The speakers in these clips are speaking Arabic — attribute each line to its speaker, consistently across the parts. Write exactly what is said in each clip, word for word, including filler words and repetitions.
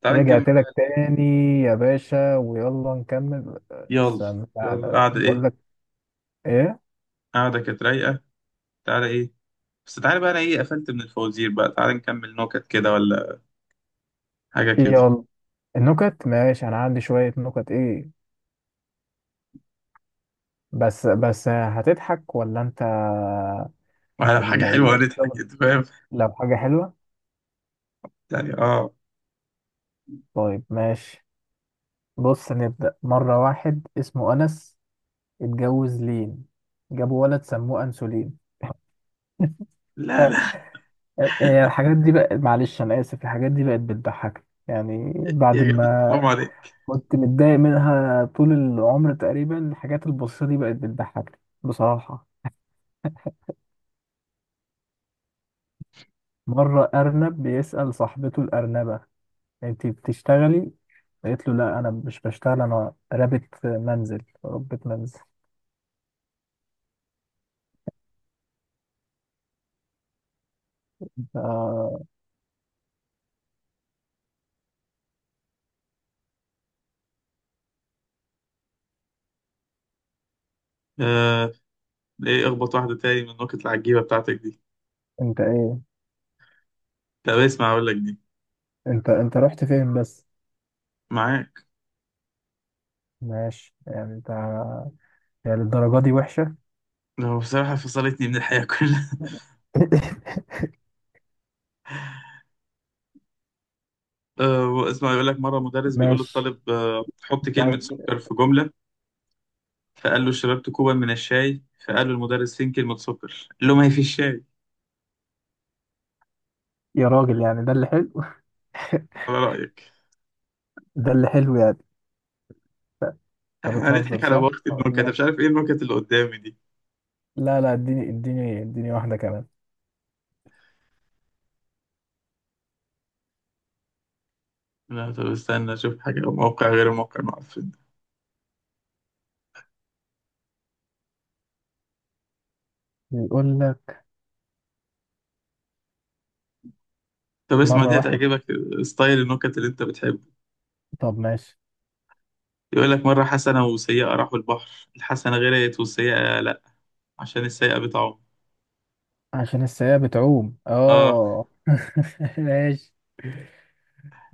Speaker 1: تعال نكمل.
Speaker 2: رجعت لك تاني يا باشا ويلا نكمل.
Speaker 1: يلا
Speaker 2: استنى
Speaker 1: يلا.
Speaker 2: تعالى
Speaker 1: قاعدة
Speaker 2: بقول
Speaker 1: ايه؟
Speaker 2: لك ايه.
Speaker 1: قاعدة كانت رايقة. تعالى ايه؟ بس تعالى بقى انا ايه قفلت من الفوازير، بقى تعالى نكمل نكت كده، ولا حاجة كده؟
Speaker 2: يلا النكت ماشي، انا عندي شوية نكت ايه. بس بس هتضحك ولا انت
Speaker 1: ولا حاجة
Speaker 2: ال-
Speaker 1: حلوة
Speaker 2: ال-
Speaker 1: هنضحك
Speaker 2: الشغل
Speaker 1: انت فاهم
Speaker 2: لو حاجة حلوة؟
Speaker 1: يعني. اه
Speaker 2: طيب ماشي. بص نبدأ، مرة واحد اسمه أنس اتجوز لين، جابوا ولد سموه أنسولين. ف-
Speaker 1: لا لا،
Speaker 2: آه، آه، الحاجات دي بقى معلش أنا آسف، الحاجات دي بقت بتضحك يعني بعد
Speaker 1: يا جدع
Speaker 2: ما
Speaker 1: حرام عليك.
Speaker 2: كنت متضايق منها طول العمر تقريبا، الحاجات البسيطة دي بقت بتضحكني بصراحة. مرة أرنب بيسأل صاحبته الأرنبة: أنتي بتشتغلي؟ قالت له لا أنا مش بشتغل، أنا رابط منزل ربة منزل. آه،
Speaker 1: آه، ايه اخبط واحدة تاني من النكت العجيبة بتاعتك دي.
Speaker 2: أنت إيه؟
Speaker 1: طب اسمع اقول لك دي.
Speaker 2: أنت أنت رحت فين بس؟
Speaker 1: معاك.
Speaker 2: ماشي يعني أنت، يعني الدرجة دي وحشة؟
Speaker 1: هو بصراحة فصلتني من الحياة كلها. آه اسمع، يقول لك مرة مدرس بيقول
Speaker 2: ماشي.
Speaker 1: للطالب آه حط كلمة سكر في جملة، فقال له شربت كوبا من الشاي، فقال له المدرس فين كلمة سكر، قال له ما هي في الشاي.
Speaker 2: يا راجل يعني ده اللي حلو؟
Speaker 1: على رأيك.
Speaker 2: ده اللي حلو يعني؟ أنت
Speaker 1: احنا
Speaker 2: بتهزر
Speaker 1: هنضحك على
Speaker 2: صح؟
Speaker 1: وقت النكت؟ أنا
Speaker 2: لا.
Speaker 1: مش عارف ايه النكت اللي قدامي دي.
Speaker 2: لا، لا، اديني اديني اديني واحدة كمان.
Speaker 1: لا طب استنى اشوف حاجة، موقع غير الموقع المعفن.
Speaker 2: يقول لك
Speaker 1: طب اسمع
Speaker 2: مرة
Speaker 1: دي
Speaker 2: واحد،
Speaker 1: هتعجبك، ستايل النكت اللي انت بتحبه.
Speaker 2: طب ماشي.
Speaker 1: يقول لك مرة حسنة وسيئة راحوا البحر، الحسنة غرقت والسيئة لا، عشان السيئة بتعوم.
Speaker 2: عشان السيئة بتعوم،
Speaker 1: اه.
Speaker 2: اه. ماشي.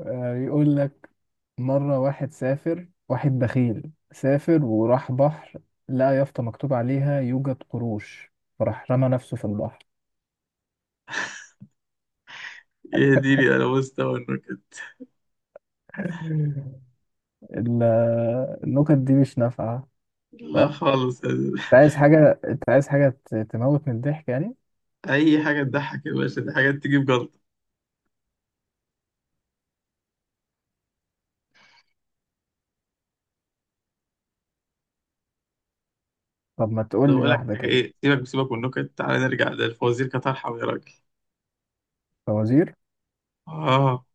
Speaker 2: آه، يقول لك مرة واحد سافر، واحد بخيل سافر وراح بحر، لقى يافطة مكتوب عليها يوجد قروش، فراح رمى نفسه في البحر.
Speaker 1: يهديني انا مستوى النكت.
Speaker 2: ال- النكت دي مش نافعة
Speaker 1: لا
Speaker 2: صح؟
Speaker 1: خالص.
Speaker 2: انت عايز حاجة، انت عايز حاجة ت- تموت من الضحك يعني؟
Speaker 1: اي حاجة تضحك يا باشا، دي حاجات تجيب جلطة.
Speaker 2: طب ما
Speaker 1: طب
Speaker 2: تقول لي
Speaker 1: اقول لك
Speaker 2: واحدة
Speaker 1: حاجه
Speaker 2: كده.
Speaker 1: ايه، سيبك سيبك من النكت، تعالى نرجع للفوازير كطرحه يا راجل.
Speaker 2: فوازير؟
Speaker 1: اه.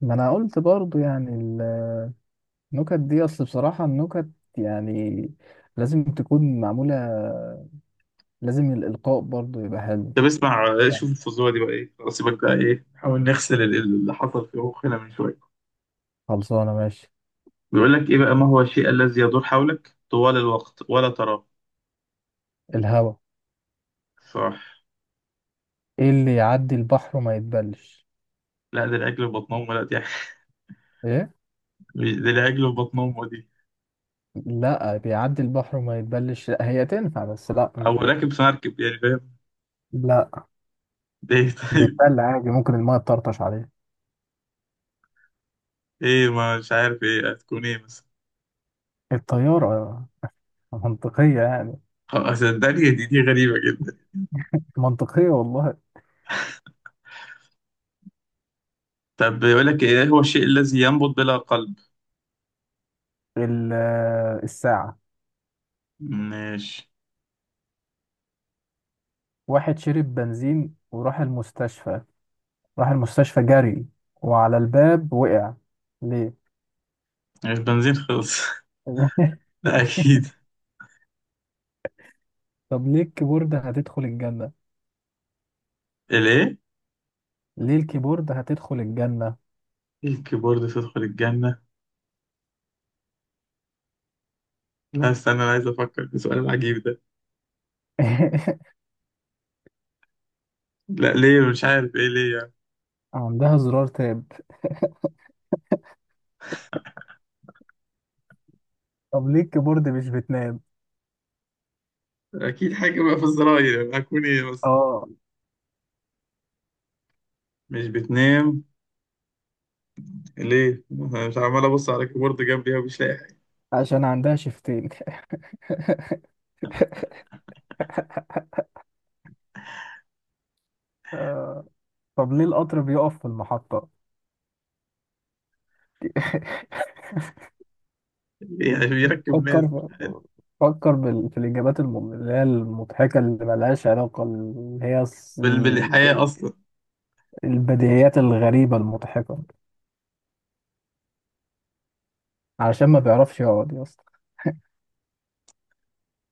Speaker 2: ما انا قلت برضو يعني، النكت دي اصل بصراحة النكت يعني لازم تكون معمولة، لازم الإلقاء برضو يبقى حلو
Speaker 1: طب اسمع، آه،
Speaker 2: يعني.
Speaker 1: شوف الفزوره دي بقى ايه، خلاص سيبك بقى ايه، نحاول نغسل ال- ال- اللي حصل في مخنا من شويه.
Speaker 2: خلصانة ماشي.
Speaker 1: بيقول لك ايه بقى، ما هو الشيء الذي يدور حولك طوال الوقت ولا تراه؟
Speaker 2: الهوا.
Speaker 1: صح.
Speaker 2: ايه اللي يعدي البحر وما يتبلش؟
Speaker 1: لا ده العجل في بطن امه، لا دي
Speaker 2: ايه؟
Speaker 1: مش- ده العجل في بطن امه دي.
Speaker 2: لا بيعدي البحر وما يتبلش، لا هي تنفع بس لا
Speaker 1: او
Speaker 2: مش دي.
Speaker 1: راكب في مركب يعني فاهم.
Speaker 2: لا
Speaker 1: ده ايه طيب؟
Speaker 2: بيتبل عادي، ممكن الماء تطرطش عليه.
Speaker 1: ايه ما مش عارف ايه هتكون ايه مثلا.
Speaker 2: الطيارة. منطقية يعني،
Speaker 1: خلاص صدقني، دي دي غريبه جدا.
Speaker 2: منطقية والله.
Speaker 1: طب بيقول لك ايه هو الشيء الذي ينبض بلا قلب؟
Speaker 2: ال- الساعة.
Speaker 1: ماشي.
Speaker 2: واحد شرب بنزين وراح المستشفى، راح المستشفى جري، وعلى الباب وقع. ليه؟
Speaker 1: مش بنزين خلص. ده أكيد.
Speaker 2: طب ليه الكيبورد هتدخل الجنة؟
Speaker 1: الإيه؟
Speaker 2: ليه الكيبورد هتدخل الجنة؟
Speaker 1: الكيبورد تدخل الجنة؟ لا استنى أنا عايز أفكر في السؤال العجيب ده. لا ليه، مش عارف إيه ليه يعني.
Speaker 2: عندها زرار تاب. طب ليه الكيبورد مش بتنام؟
Speaker 1: أكيد حاجة بقى في الزراير، يعني هكون إيه بس؟
Speaker 2: اه،
Speaker 1: مش بتنام ليه؟ أنا مش عمال أبص على الكيبورد جنبي ومش لاقي حاجة.
Speaker 2: عشان عندها شفتين. آه، طب ليه القطر بيقف في المحطة؟
Speaker 1: ليه؟ عشان يركب ناس.
Speaker 2: فكر في- فكر بال... في الإجابات الم... اللي هي المضحكة، اللي ملهاش علاقة، اللي هي الس-
Speaker 1: بال-
Speaker 2: ال-
Speaker 1: بالحياة
Speaker 2: كده،
Speaker 1: أصلا.
Speaker 2: البديهيات الغريبة المضحكة. علشان ما بيعرفش يقعد يا اسطى.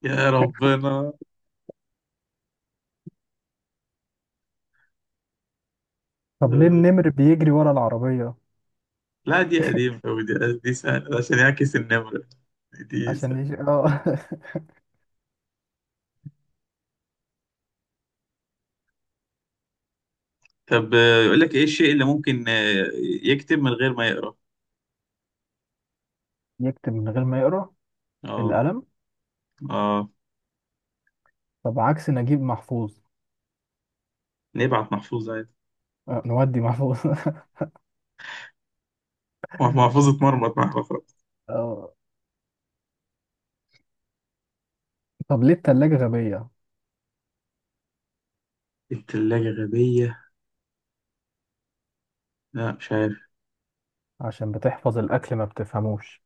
Speaker 1: يا ربنا.
Speaker 2: طب ليه
Speaker 1: آه،
Speaker 2: النمر بيجري ورا العربية؟
Speaker 1: لا دي قديمة أوي دي. دي سهلة، عشان يعكس النمرة. دي
Speaker 2: عشان
Speaker 1: سهلة.
Speaker 2: يج... اه.
Speaker 1: طب آه، يقول لك إيه الشيء اللي ممكن آه، يكتب من غير ما يقرأ؟
Speaker 2: يكتب من غير ما يقرأ؟
Speaker 1: أه.
Speaker 2: القلم.
Speaker 1: اه.
Speaker 2: طب عكس نجيب محفوظ؟
Speaker 1: نبعت محفوظ عادي.
Speaker 2: آه، نودي محفوظ.
Speaker 1: محفوظ اتمرمط مع الخرز.
Speaker 2: آه، طب ليه التلاجة غبية؟
Speaker 1: التلاجة غبية؟ لا مش عارف.
Speaker 2: عشان بتحفظ الأكل ما بتفهموش.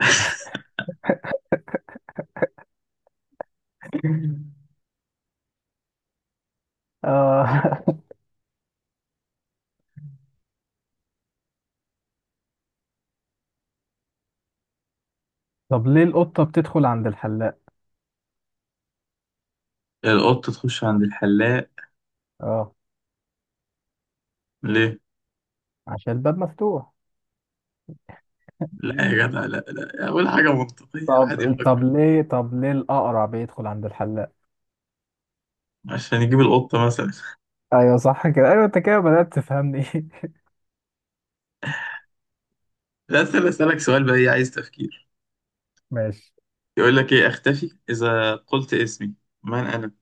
Speaker 2: آه. طب ليه القطة بتدخل عند الحلاق؟
Speaker 1: القط تخش عند الحلاق.
Speaker 2: اه،
Speaker 1: ليه؟
Speaker 2: عشان الباب مفتوح.
Speaker 1: لا يا جدع لا لا، أول حاجة منطقية
Speaker 2: طب
Speaker 1: واحد
Speaker 2: طب
Speaker 1: يفكر.
Speaker 2: ليه طب ليه الأقرع بيدخل عند الحلاق؟
Speaker 1: عشان يجيب القطة مثلا.
Speaker 2: ايوه صح كده، ايوه انت كده بدأت تفهمني.
Speaker 1: لا أسأل، أسألك سؤال بقى إيه، عايز تفكير.
Speaker 2: ماشي.
Speaker 1: يقول لك إيه، أختفي إذا قلت اسمي، من أنا؟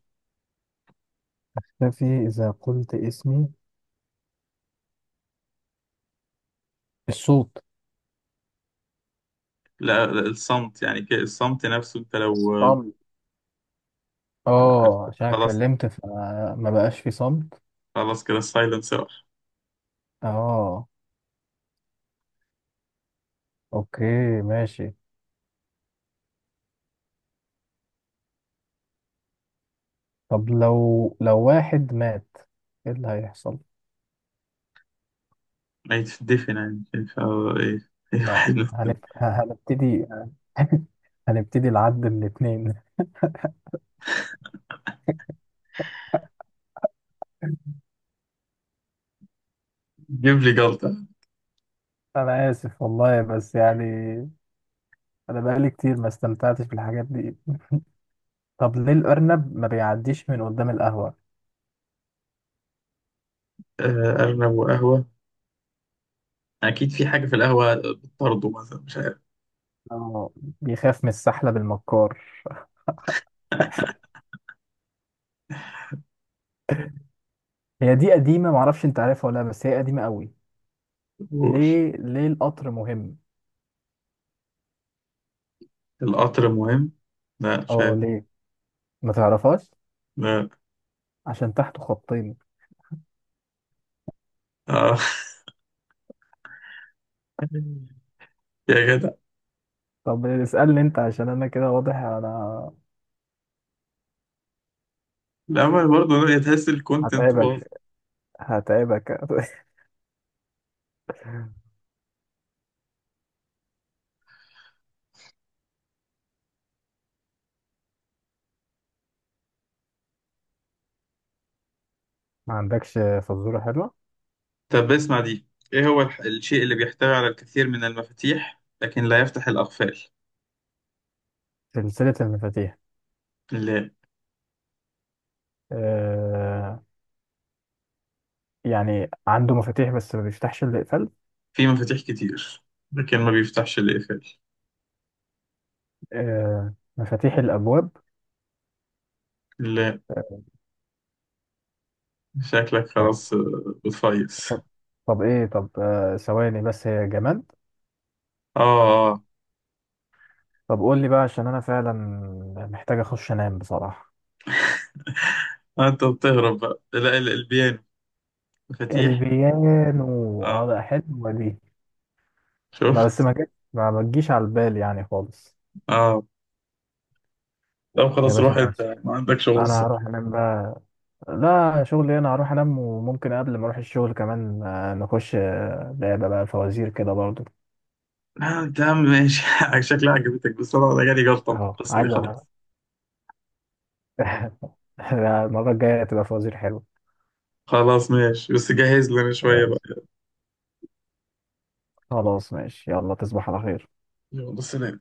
Speaker 2: اختفي إذا قلت اسمي؟ الصوت.
Speaker 1: لا لا، الصمت يعني كده، الصمت نفسه أنت لو
Speaker 2: الصمت.
Speaker 1: عارف،
Speaker 2: اه، عشان
Speaker 1: خلاص.
Speaker 2: اتكلمت فما بقاش في صمت.
Speaker 1: خلاص كده السايلنس راح.
Speaker 2: اه، اوكي ماشي. طب لو لو واحد مات، ايه اللي هيحصل؟
Speaker 1: ما يتدفن يعني ف إيه. إيه،
Speaker 2: لا
Speaker 1: واحد.
Speaker 2: هنبت... هنبتدي. هنبتدي العد من اتنين.
Speaker 1: جيب لي جلطة.
Speaker 2: انا اسف والله، بس يعني انا بقالي كتير ما استمتعتش بالحاجات دي. طب ليه الارنب ما بيعديش من قدام القهوة؟
Speaker 1: آه، أرنب وقهوة؟ أكيد في حاجة في القهوة بتطرده مثلا، مش عارف.
Speaker 2: اه، بيخاف من السحلب بالمكار. هي دي قديمة، معرفش انت عارفها ولا لا، بس هي قديمة قوي.
Speaker 1: قول.
Speaker 2: ليه ليه القطر مهم؟
Speaker 1: القطر مهم؟ لا مش
Speaker 2: اه،
Speaker 1: عارف.
Speaker 2: ليه؟ ما تعرفهاش.
Speaker 1: لا.
Speaker 2: عشان تحته خطين.
Speaker 1: آه. يا جدع.
Speaker 2: طب اسألني انت، عشان انا كده واضح انا
Speaker 1: لا ما برضه لا، تحس الكونتنت
Speaker 2: هتعبك،
Speaker 1: باظ.
Speaker 2: هتعبك. ما عندكش فزورة حلوة؟
Speaker 1: طب اسمع دي، إيه هو الح- الشيء اللي بيحتوي على الكثير من المفاتيح لكن لا يفتح الأقفال؟
Speaker 2: سلسلة المفاتيح.
Speaker 1: لا.
Speaker 2: آه، يعني عنده مفاتيح بس ما بيفتحش الا اقفال.
Speaker 1: في مفاتيح كتير لكن ما بيفتحش الأقفال.
Speaker 2: آه مفاتيح الابواب.
Speaker 1: لا شكلك
Speaker 2: طب
Speaker 1: خلاص آه، بتفيص.
Speaker 2: طب, طب ايه طب آه ثواني، بس هي جماد.
Speaker 1: آه.
Speaker 2: طب قول لي بقى، عشان انا فعلا محتاج اخش انام بصراحة.
Speaker 1: آه، أنت بتهرب بقى. لا ال- البيانو مفاتيح.
Speaker 2: البيانو، اه
Speaker 1: آه.
Speaker 2: ده حلوة دي. ما بس
Speaker 1: شفت؟
Speaker 2: ما جت، ما ما تجيش على البال يعني خالص.
Speaker 1: اه. لا
Speaker 2: يا
Speaker 1: خلاص
Speaker 2: باشا
Speaker 1: روح
Speaker 2: انا
Speaker 1: انت،
Speaker 2: اسف،
Speaker 1: ما عندك شغل
Speaker 2: انا
Speaker 1: الصبح.
Speaker 2: هروح انام بقى. لا شغلي، انا هروح انام وممكن قبل ما اروح الشغل كمان آه، نخش آه، لعبة بقى فوازير كده برضو.
Speaker 1: آه تمام ماشي. شكلها عجبتك، بس انا أنا جالي جلطة من
Speaker 2: اهو
Speaker 1: القصة دي
Speaker 2: عايز أ-
Speaker 1: خلاص.
Speaker 2: المرة الجاية تبقى فوازير حلوة.
Speaker 1: خلاص ماشي، بس جهز لنا شوية
Speaker 2: آه،
Speaker 1: بقى.
Speaker 2: خلاص ماشي، يلا تصبح على خير.
Speaker 1: يلا سلام.